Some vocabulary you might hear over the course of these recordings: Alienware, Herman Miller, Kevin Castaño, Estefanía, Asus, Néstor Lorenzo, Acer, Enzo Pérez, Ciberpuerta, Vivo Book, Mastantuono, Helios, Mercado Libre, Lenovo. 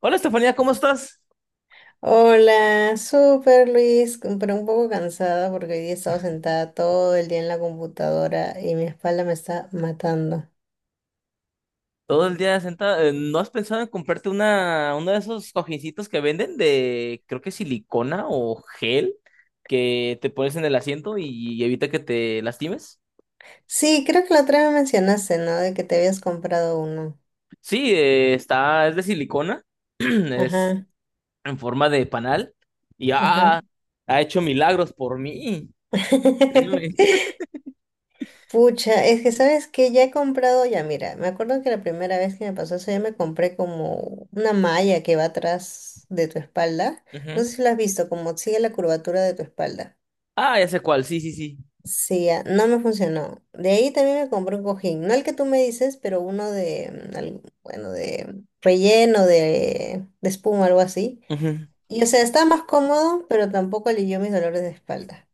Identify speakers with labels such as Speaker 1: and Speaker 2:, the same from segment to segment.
Speaker 1: Hola Estefanía, ¿cómo estás?
Speaker 2: Hola, súper Luis, pero un poco cansada porque hoy día he estado sentada todo el día en la computadora y mi espalda me está matando.
Speaker 1: Todo el día sentada. ¿No has pensado en comprarte uno de esos cojincitos que venden de, creo que silicona o gel, que te pones en el asiento y evita que te lastimes?
Speaker 2: Sí, creo que la otra vez me mencionaste, ¿no? De que te habías comprado uno.
Speaker 1: Sí, es de silicona, es
Speaker 2: Ajá,
Speaker 1: en forma de panal y
Speaker 2: ajá.
Speaker 1: ha hecho milagros por mí, créeme.
Speaker 2: Pucha, es que sabes que ya he comprado, ya mira, me acuerdo que la primera vez que me pasó eso, ya me compré como una malla que va atrás de tu espalda. No
Speaker 1: Ujú.
Speaker 2: sé si lo has visto, como sigue la curvatura de tu espalda.
Speaker 1: Ah, ya sé cuál, sí, sí, sí.
Speaker 2: Sí, ah, no me funcionó. De ahí también me compré un cojín, no el que tú me dices, pero uno de, bueno, de relleno, de espuma, algo así.
Speaker 1: Ujú.
Speaker 2: Y o sea, está más cómodo, pero tampoco alivió mis dolores de espalda.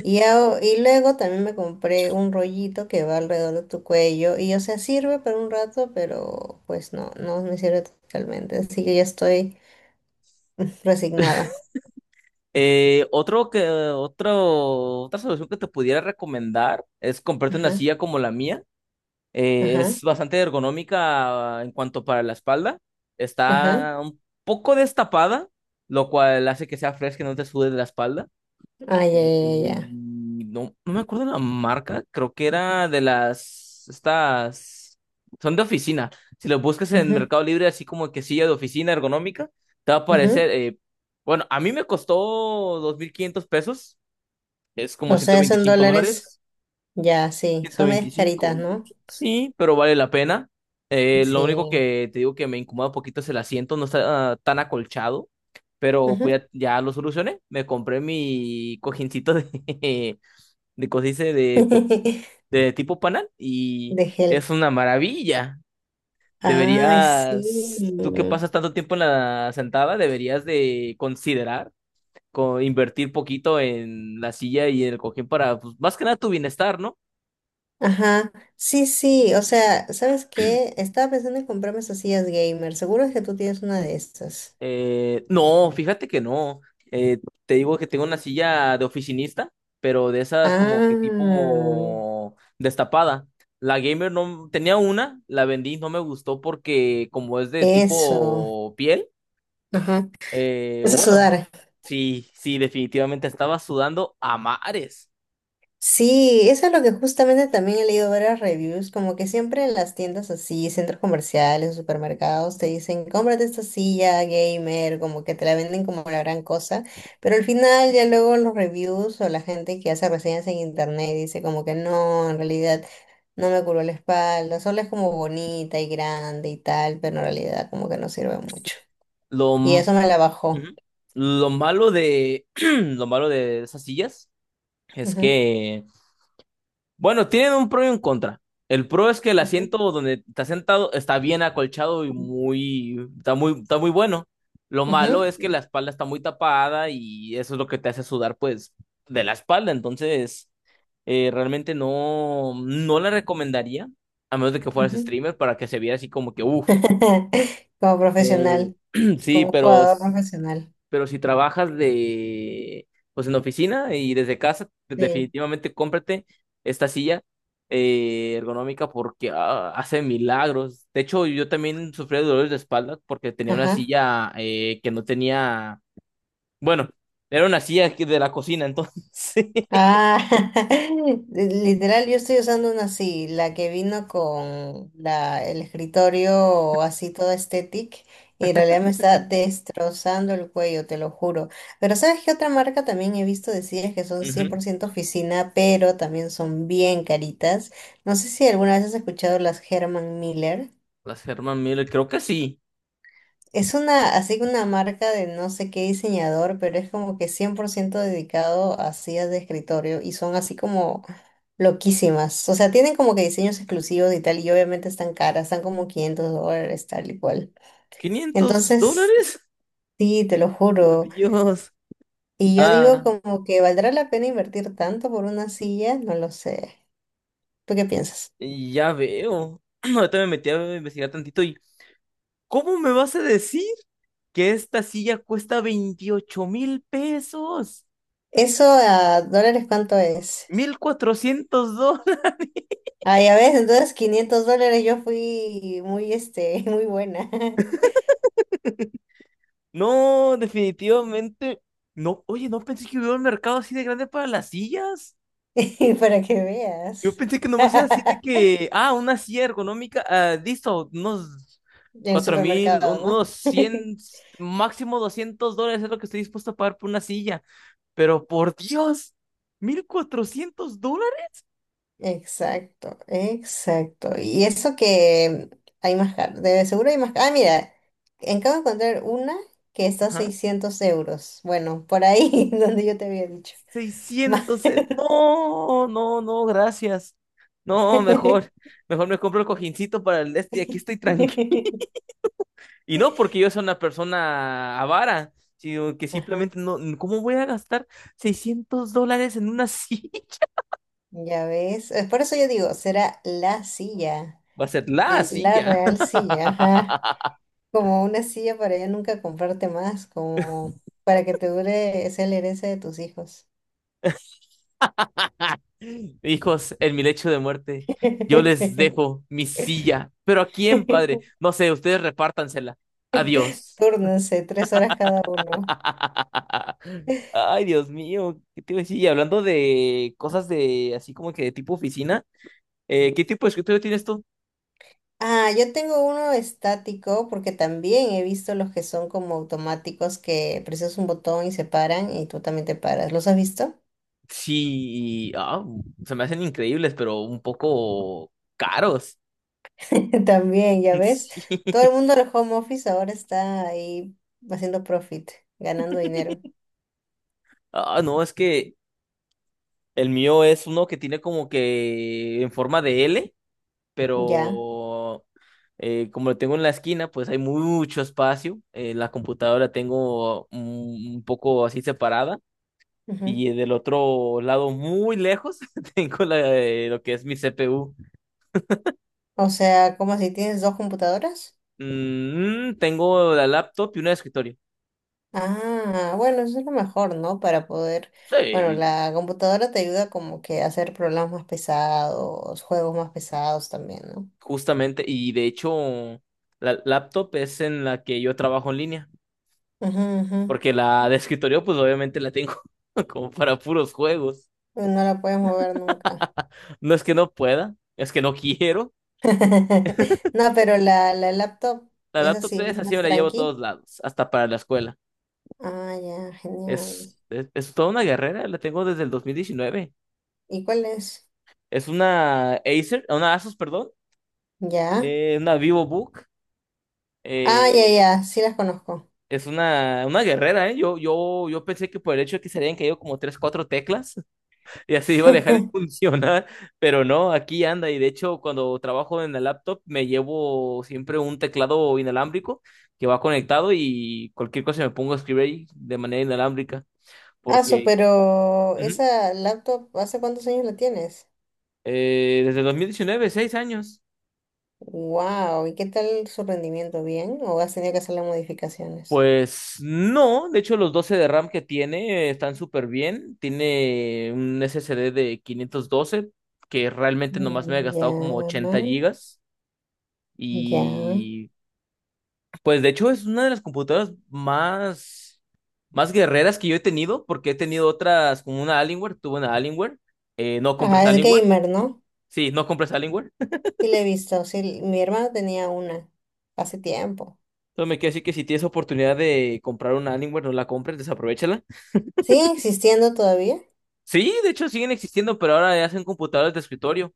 Speaker 2: Y luego también me compré un rollito que va alrededor de tu cuello. Y o sea, sirve para un rato, pero pues no, no me sirve totalmente. Así que ya estoy resignada.
Speaker 1: Otro, otra solución que te pudiera recomendar es comprarte una
Speaker 2: Ajá,
Speaker 1: silla como la mía.
Speaker 2: ajá,
Speaker 1: Es bastante ergonómica en cuanto para la espalda.
Speaker 2: ajá.
Speaker 1: Está un poco destapada, lo cual hace que sea fresca y no te sude de la espalda.
Speaker 2: Ay, ya,
Speaker 1: Eh,
Speaker 2: ya, ya.
Speaker 1: no, no me acuerdo la marca, creo que era de estas, son de oficina. Si lo buscas en
Speaker 2: Ya.
Speaker 1: Mercado Libre, así como que silla de oficina ergonómica, te va a
Speaker 2: Ujú, ujú.
Speaker 1: aparecer, bueno, a mí me costó 2,500 pesos, es como
Speaker 2: O
Speaker 1: ciento
Speaker 2: sea, son
Speaker 1: veinticinco
Speaker 2: dólares.
Speaker 1: dólares,
Speaker 2: Ya, sí,
Speaker 1: ciento
Speaker 2: son medias caritas,
Speaker 1: veinticinco
Speaker 2: ¿no?
Speaker 1: sí, pero vale la pena. Lo
Speaker 2: Sí.
Speaker 1: único que te digo que me incomoda un poquito es el asiento, no está tan acolchado. Pero
Speaker 2: Ujú.
Speaker 1: pues ya, ya lo solucioné. Me compré mi cojincito de, de cosdice de, pues, de tipo panal y
Speaker 2: De gel.
Speaker 1: es una maravilla.
Speaker 2: Ay,
Speaker 1: Deberías, tú que
Speaker 2: sí.
Speaker 1: pasas tanto tiempo en la sentada, deberías de considerar invertir poquito en la silla y el cojín para, pues, más que nada tu bienestar, ¿no?
Speaker 2: Ajá. Sí, sí. O sea, ¿sabes qué? Estaba pensando en comprarme esas sillas gamer. Seguro es que tú tienes una de estas.
Speaker 1: No, fíjate que no. Eh, Te digo que tengo una silla de oficinista, pero de esas como que
Speaker 2: Ah,
Speaker 1: tipo destapada. La gamer no tenía una, la vendí, no me gustó porque como es de
Speaker 2: eso.
Speaker 1: tipo piel,
Speaker 2: Ajá. Eso es
Speaker 1: Bueno,
Speaker 2: sudar.
Speaker 1: sí, sí, definitivamente estaba sudando a mares.
Speaker 2: Sí, eso es lo que justamente también he leído varias reviews, como que siempre en las tiendas así, centros comerciales, supermercados, te dicen, cómprate esta silla gamer, como que te la venden como la gran cosa, pero al final ya luego los reviews o la gente que hace reseñas en internet dice como que no, en realidad no me curó la espalda, solo es como bonita y grande y tal, pero en realidad como que no sirve mucho.
Speaker 1: Lo,
Speaker 2: Y
Speaker 1: m-
Speaker 2: eso me la bajó.
Speaker 1: Ujú. Lo malo de esas sillas es
Speaker 2: Ujú,
Speaker 1: que bueno, tienen un pro y un contra. El pro es que el
Speaker 2: ujú,
Speaker 1: asiento donde está sentado está bien acolchado y muy, está muy, está muy bueno. Lo malo
Speaker 2: ujú,
Speaker 1: es que la espalda está muy tapada y eso es lo que te hace sudar, pues, de la espalda. Entonces, realmente no, no la recomendaría, a menos de que fueras
Speaker 2: ujú.
Speaker 1: streamer, para que se viera así como que, uff.
Speaker 2: Como profesional.
Speaker 1: Sí,
Speaker 2: Como jugador profesional.
Speaker 1: pero si trabajas de, pues en oficina y desde casa, pues,
Speaker 2: Sí.
Speaker 1: definitivamente cómprate esta silla ergonómica porque hace milagros. De hecho, yo también sufría de dolores de espalda porque tenía una
Speaker 2: Ajá.
Speaker 1: silla que no tenía, bueno, era una silla de la cocina, entonces.
Speaker 2: Ah, literal, yo estoy usando una así, la que vino con el escritorio así toda estética y en realidad me está destrozando el cuello, te lo juro. Pero ¿sabes qué otra marca también he visto decir que son cien
Speaker 1: Ujú.
Speaker 2: por ciento oficina, pero también son bien caritas? No sé si alguna vez has escuchado las Herman Miller.
Speaker 1: Las Herman Miller, creo que sí.
Speaker 2: Es una, así que una marca de no sé qué diseñador, pero es como que 100% dedicado a sillas de escritorio y son así como loquísimas. O sea, tienen como que diseños exclusivos y tal, y obviamente están caras, están como 500 dólares, tal y cual.
Speaker 1: quinientos
Speaker 2: Entonces,
Speaker 1: dólares?
Speaker 2: sí, te lo
Speaker 1: Por
Speaker 2: juro.
Speaker 1: Dios.
Speaker 2: Y yo digo
Speaker 1: Ah,
Speaker 2: como que ¿valdrá la pena invertir tanto por una silla? No lo sé. ¿Tú qué
Speaker 1: y-
Speaker 2: piensas?
Speaker 1: y ya veo. Ahorita me metí a investigar tantito. ¿Cómo me vas a decir que esta silla cuesta 28,000 pesos?
Speaker 2: ¿Eso a dólares cuánto es?
Speaker 1: $1,400.
Speaker 2: Ah, ya ves, entonces 500 dólares yo fui muy, este, muy buena.
Speaker 1: No, definitivamente. No, oye, no pensé que hubiera un mercado así de grande para las sillas.
Speaker 2: Para que
Speaker 1: Yo
Speaker 2: veas.
Speaker 1: pensé que nomás era así de que, ah, una silla ergonómica, ah, listo, unos
Speaker 2: En el
Speaker 1: 4,000,
Speaker 2: supermercado, ¿no?
Speaker 1: unos 100, máximo $200 es lo que estoy dispuesto a pagar por una silla. Pero por Dios, $1,400.
Speaker 2: Exacto, exacto. Y eso que hay más caro, de seguro hay más caro. Ah, mira, acabo de encontrar una que está a 600 euros. Bueno, por ahí donde yo te había dicho. Más-
Speaker 1: No, no, no, gracias. No, mejor, mejor me compro el cojincito para el este y aquí estoy tranquilo. Y no porque yo sea una persona avara, sino que
Speaker 2: Ajá,
Speaker 1: simplemente no, ¿cómo voy a gastar $600 en una silla?
Speaker 2: ya ves. Por eso yo digo, será la silla,
Speaker 1: Va a ser la
Speaker 2: la
Speaker 1: silla.
Speaker 2: real silla. Ajá. Como una silla para ya nunca comprarte más, como para que te dure sea la herencia de tus hijos.
Speaker 1: Hijos, en mi lecho de muerte, yo les dejo mi silla. ¿Pero a quién, padre? No sé, ustedes repártansela. Adiós.
Speaker 2: Túrnense, 3 horas cada uno.
Speaker 1: Ay, Dios mío, ¿qué te iba a decir? Y hablando de cosas de así como que de tipo oficina, ¿qué tipo de escritorio tienes tú?
Speaker 2: Ah, yo tengo uno estático porque también he visto los que son como automáticos que presionas un botón y se paran y tú también te paras. ¿Los has visto?
Speaker 1: Sí, se me hacen increíbles, pero un poco caros.
Speaker 2: También, ya ves.
Speaker 1: Sí.
Speaker 2: Todo el mundo del home office ahora está ahí haciendo profit, ganando dinero.
Speaker 1: No, es que el mío es uno que tiene como que en forma de L,
Speaker 2: Ya.
Speaker 1: pero como lo tengo en la esquina, pues hay mucho espacio. La computadora la tengo un poco así separada. Y del otro lado, muy lejos, tengo la, lo que es mi CPU.
Speaker 2: O sea, como si tienes dos computadoras.
Speaker 1: Mm, tengo la laptop y una escritorio.
Speaker 2: Ah, bueno, eso es lo mejor, ¿no? Para poder, bueno,
Speaker 1: Sí,
Speaker 2: la computadora te ayuda como que a hacer programas más pesados, juegos más pesados también, ¿no?
Speaker 1: justamente. Y de hecho, la laptop es en la que yo trabajo en línea.
Speaker 2: Ujú, ujú.
Speaker 1: Porque la de escritorio, pues obviamente la tengo como para puros juegos.
Speaker 2: No la puedes mover nunca.
Speaker 1: No es que no pueda, es que no quiero.
Speaker 2: No, pero la laptop,
Speaker 1: La
Speaker 2: esa
Speaker 1: laptop
Speaker 2: sí
Speaker 1: es
Speaker 2: es
Speaker 1: así,
Speaker 2: más
Speaker 1: me la llevo a
Speaker 2: tranqui.
Speaker 1: todos lados, hasta para la escuela.
Speaker 2: Ah, ya, genial.
Speaker 1: Es toda una guerrera, la tengo desde el 2019.
Speaker 2: ¿Y cuál es?
Speaker 1: Es una una Asus, perdón.
Speaker 2: Ya.
Speaker 1: Una Vivo Book.
Speaker 2: Ah,
Speaker 1: eh,
Speaker 2: ya, ya, sí las conozco.
Speaker 1: es una guerrera, ¿eh? Yo pensé que por el hecho de que se habían caído como 3, 4 teclas y así iba a dejar de funcionar, pero no, aquí anda. Y de hecho, cuando trabajo en la laptop, me llevo siempre un teclado inalámbrico que va conectado y cualquier cosa me pongo a escribir ahí de manera inalámbrica. Porque
Speaker 2: Pero
Speaker 1: ujú,
Speaker 2: esa laptop, ¿hace cuántos años la tienes?
Speaker 1: desde 2019, 6 años.
Speaker 2: Wow, ¿y qué tal su rendimiento? ¿Bien? ¿O has tenido que hacerle modificaciones?
Speaker 1: Pues no, de hecho los 12 de RAM que tiene están súper bien. Tiene un SSD de 512 que realmente nomás me ha
Speaker 2: Mm, ya,
Speaker 1: gastado como 80 gigas.
Speaker 2: ya.
Speaker 1: Y pues de hecho es una de las computadoras más, más guerreras que yo he tenido porque he tenido otras como una Alienware, tuve una Alienware. No compres
Speaker 2: Ah, es
Speaker 1: Alienware.
Speaker 2: gamer, ¿no?
Speaker 1: Sí, no compres Alienware.
Speaker 2: Sí, le he visto. Sí, mi hermano tenía una hace tiempo.
Speaker 1: Entonces me quiere decir que si tienes oportunidad de comprar una Alienware, no la compres, desaprovechala.
Speaker 2: ¿Sigue existiendo todavía?
Speaker 1: Sí, de hecho siguen existiendo, pero ahora ya hacen computadoras de escritorio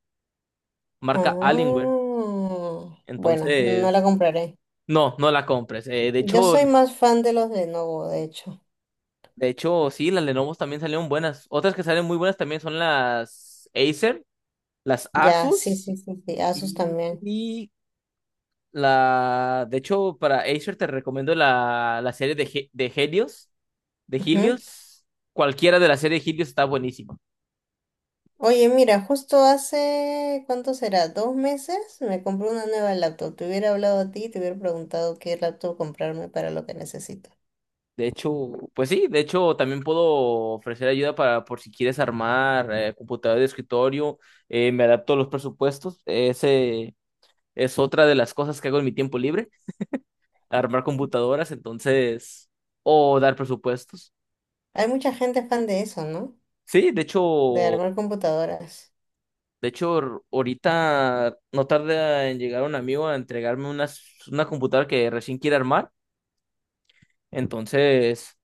Speaker 1: marca Alienware.
Speaker 2: Ah, bueno, no la
Speaker 1: Entonces,
Speaker 2: compraré.
Speaker 1: no, no la compres.
Speaker 2: Yo soy más fan de los Lenovo, de hecho.
Speaker 1: De hecho, sí, las Lenovo también salieron buenas. Otras que salen muy buenas también son las Acer, las
Speaker 2: Ya, sí,
Speaker 1: Asus
Speaker 2: sí, sí, sí. Asus
Speaker 1: y,
Speaker 2: también.
Speaker 1: y la... De hecho, para Acer te recomiendo la, de Helios, de Helios. Cualquiera de la serie de Helios está buenísima.
Speaker 2: Oye, mira, justo hace, ¿cuánto será? ¿2 meses? Me compré una nueva laptop. Te hubiera hablado a ti y te hubiera preguntado qué laptop comprarme para lo que necesito.
Speaker 1: De hecho, pues sí, de hecho también puedo ofrecer ayuda para por si quieres armar computadora de escritorio, me adapto a los presupuestos, ese es otra de las cosas que hago en mi tiempo libre, armar computadoras, entonces, o dar presupuestos.
Speaker 2: Hay mucha gente fan de eso, ¿no?
Speaker 1: Sí,
Speaker 2: De armar computadoras.
Speaker 1: de hecho, ahorita no tarda en llegar un amigo a entregarme una computadora que recién quiere armar, entonces...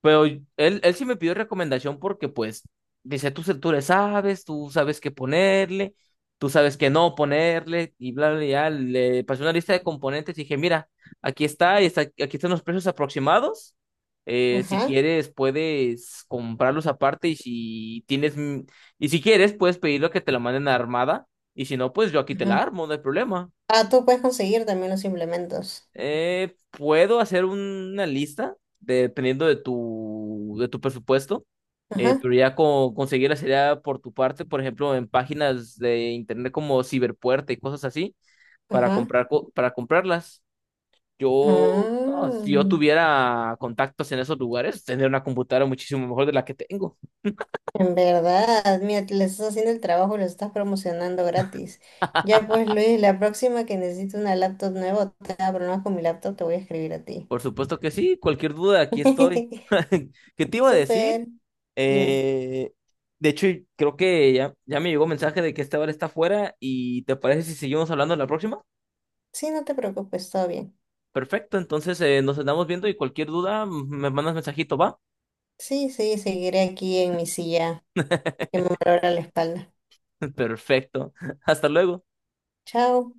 Speaker 1: Pero él sí me pidió recomendación porque, pues, dice, tú le sabes, tú sabes qué ponerle, tú sabes qué no ponerle, y bla, bla, bla. Ya. Le pasé una lista de componentes y dije, mira, aquí están los precios aproximados. Si
Speaker 2: Ajá,
Speaker 1: quieres, puedes comprarlos aparte y si tienes, y si quieres, puedes pedirlo que te lo manden armada, y si no, pues yo aquí te
Speaker 2: ajá.
Speaker 1: la armo, no hay problema.
Speaker 2: Ah, tú puedes conseguir también los implementos.
Speaker 1: Puedo hacer una lista dependiendo de tu presupuesto,
Speaker 2: Ajá,
Speaker 1: pero ya conseguirla sería por tu parte, por ejemplo, en páginas de internet como Ciberpuerta y cosas así,
Speaker 2: ajá.
Speaker 1: para comprarlas. Yo, no,
Speaker 2: Ah,
Speaker 1: si yo tuviera contactos en esos lugares, tendría una computadora muchísimo mejor de la que tengo.
Speaker 2: en verdad, mira, le estás haciendo el trabajo y lo estás promocionando gratis. Ya pues, Luis, la próxima que necesite una laptop nueva, o te abro más con mi laptop, te voy a escribir a ti.
Speaker 1: Por supuesto que sí, cualquier duda, aquí estoy. ¿Qué te iba a decir?
Speaker 2: Súper. Dime.
Speaker 1: Eh, de hecho, creo que ya, ya me llegó mensaje de que esta hora está fuera y ¿te parece si seguimos hablando en la próxima?
Speaker 2: Sí, no te preocupes, todo bien.
Speaker 1: Perfecto, entonces nos andamos viendo y cualquier duda me mandas mensajito, ¿va?
Speaker 2: Sí, sí, seguiré aquí en mi silla que me valora la espalda.
Speaker 1: Perfecto, hasta luego.
Speaker 2: Chao.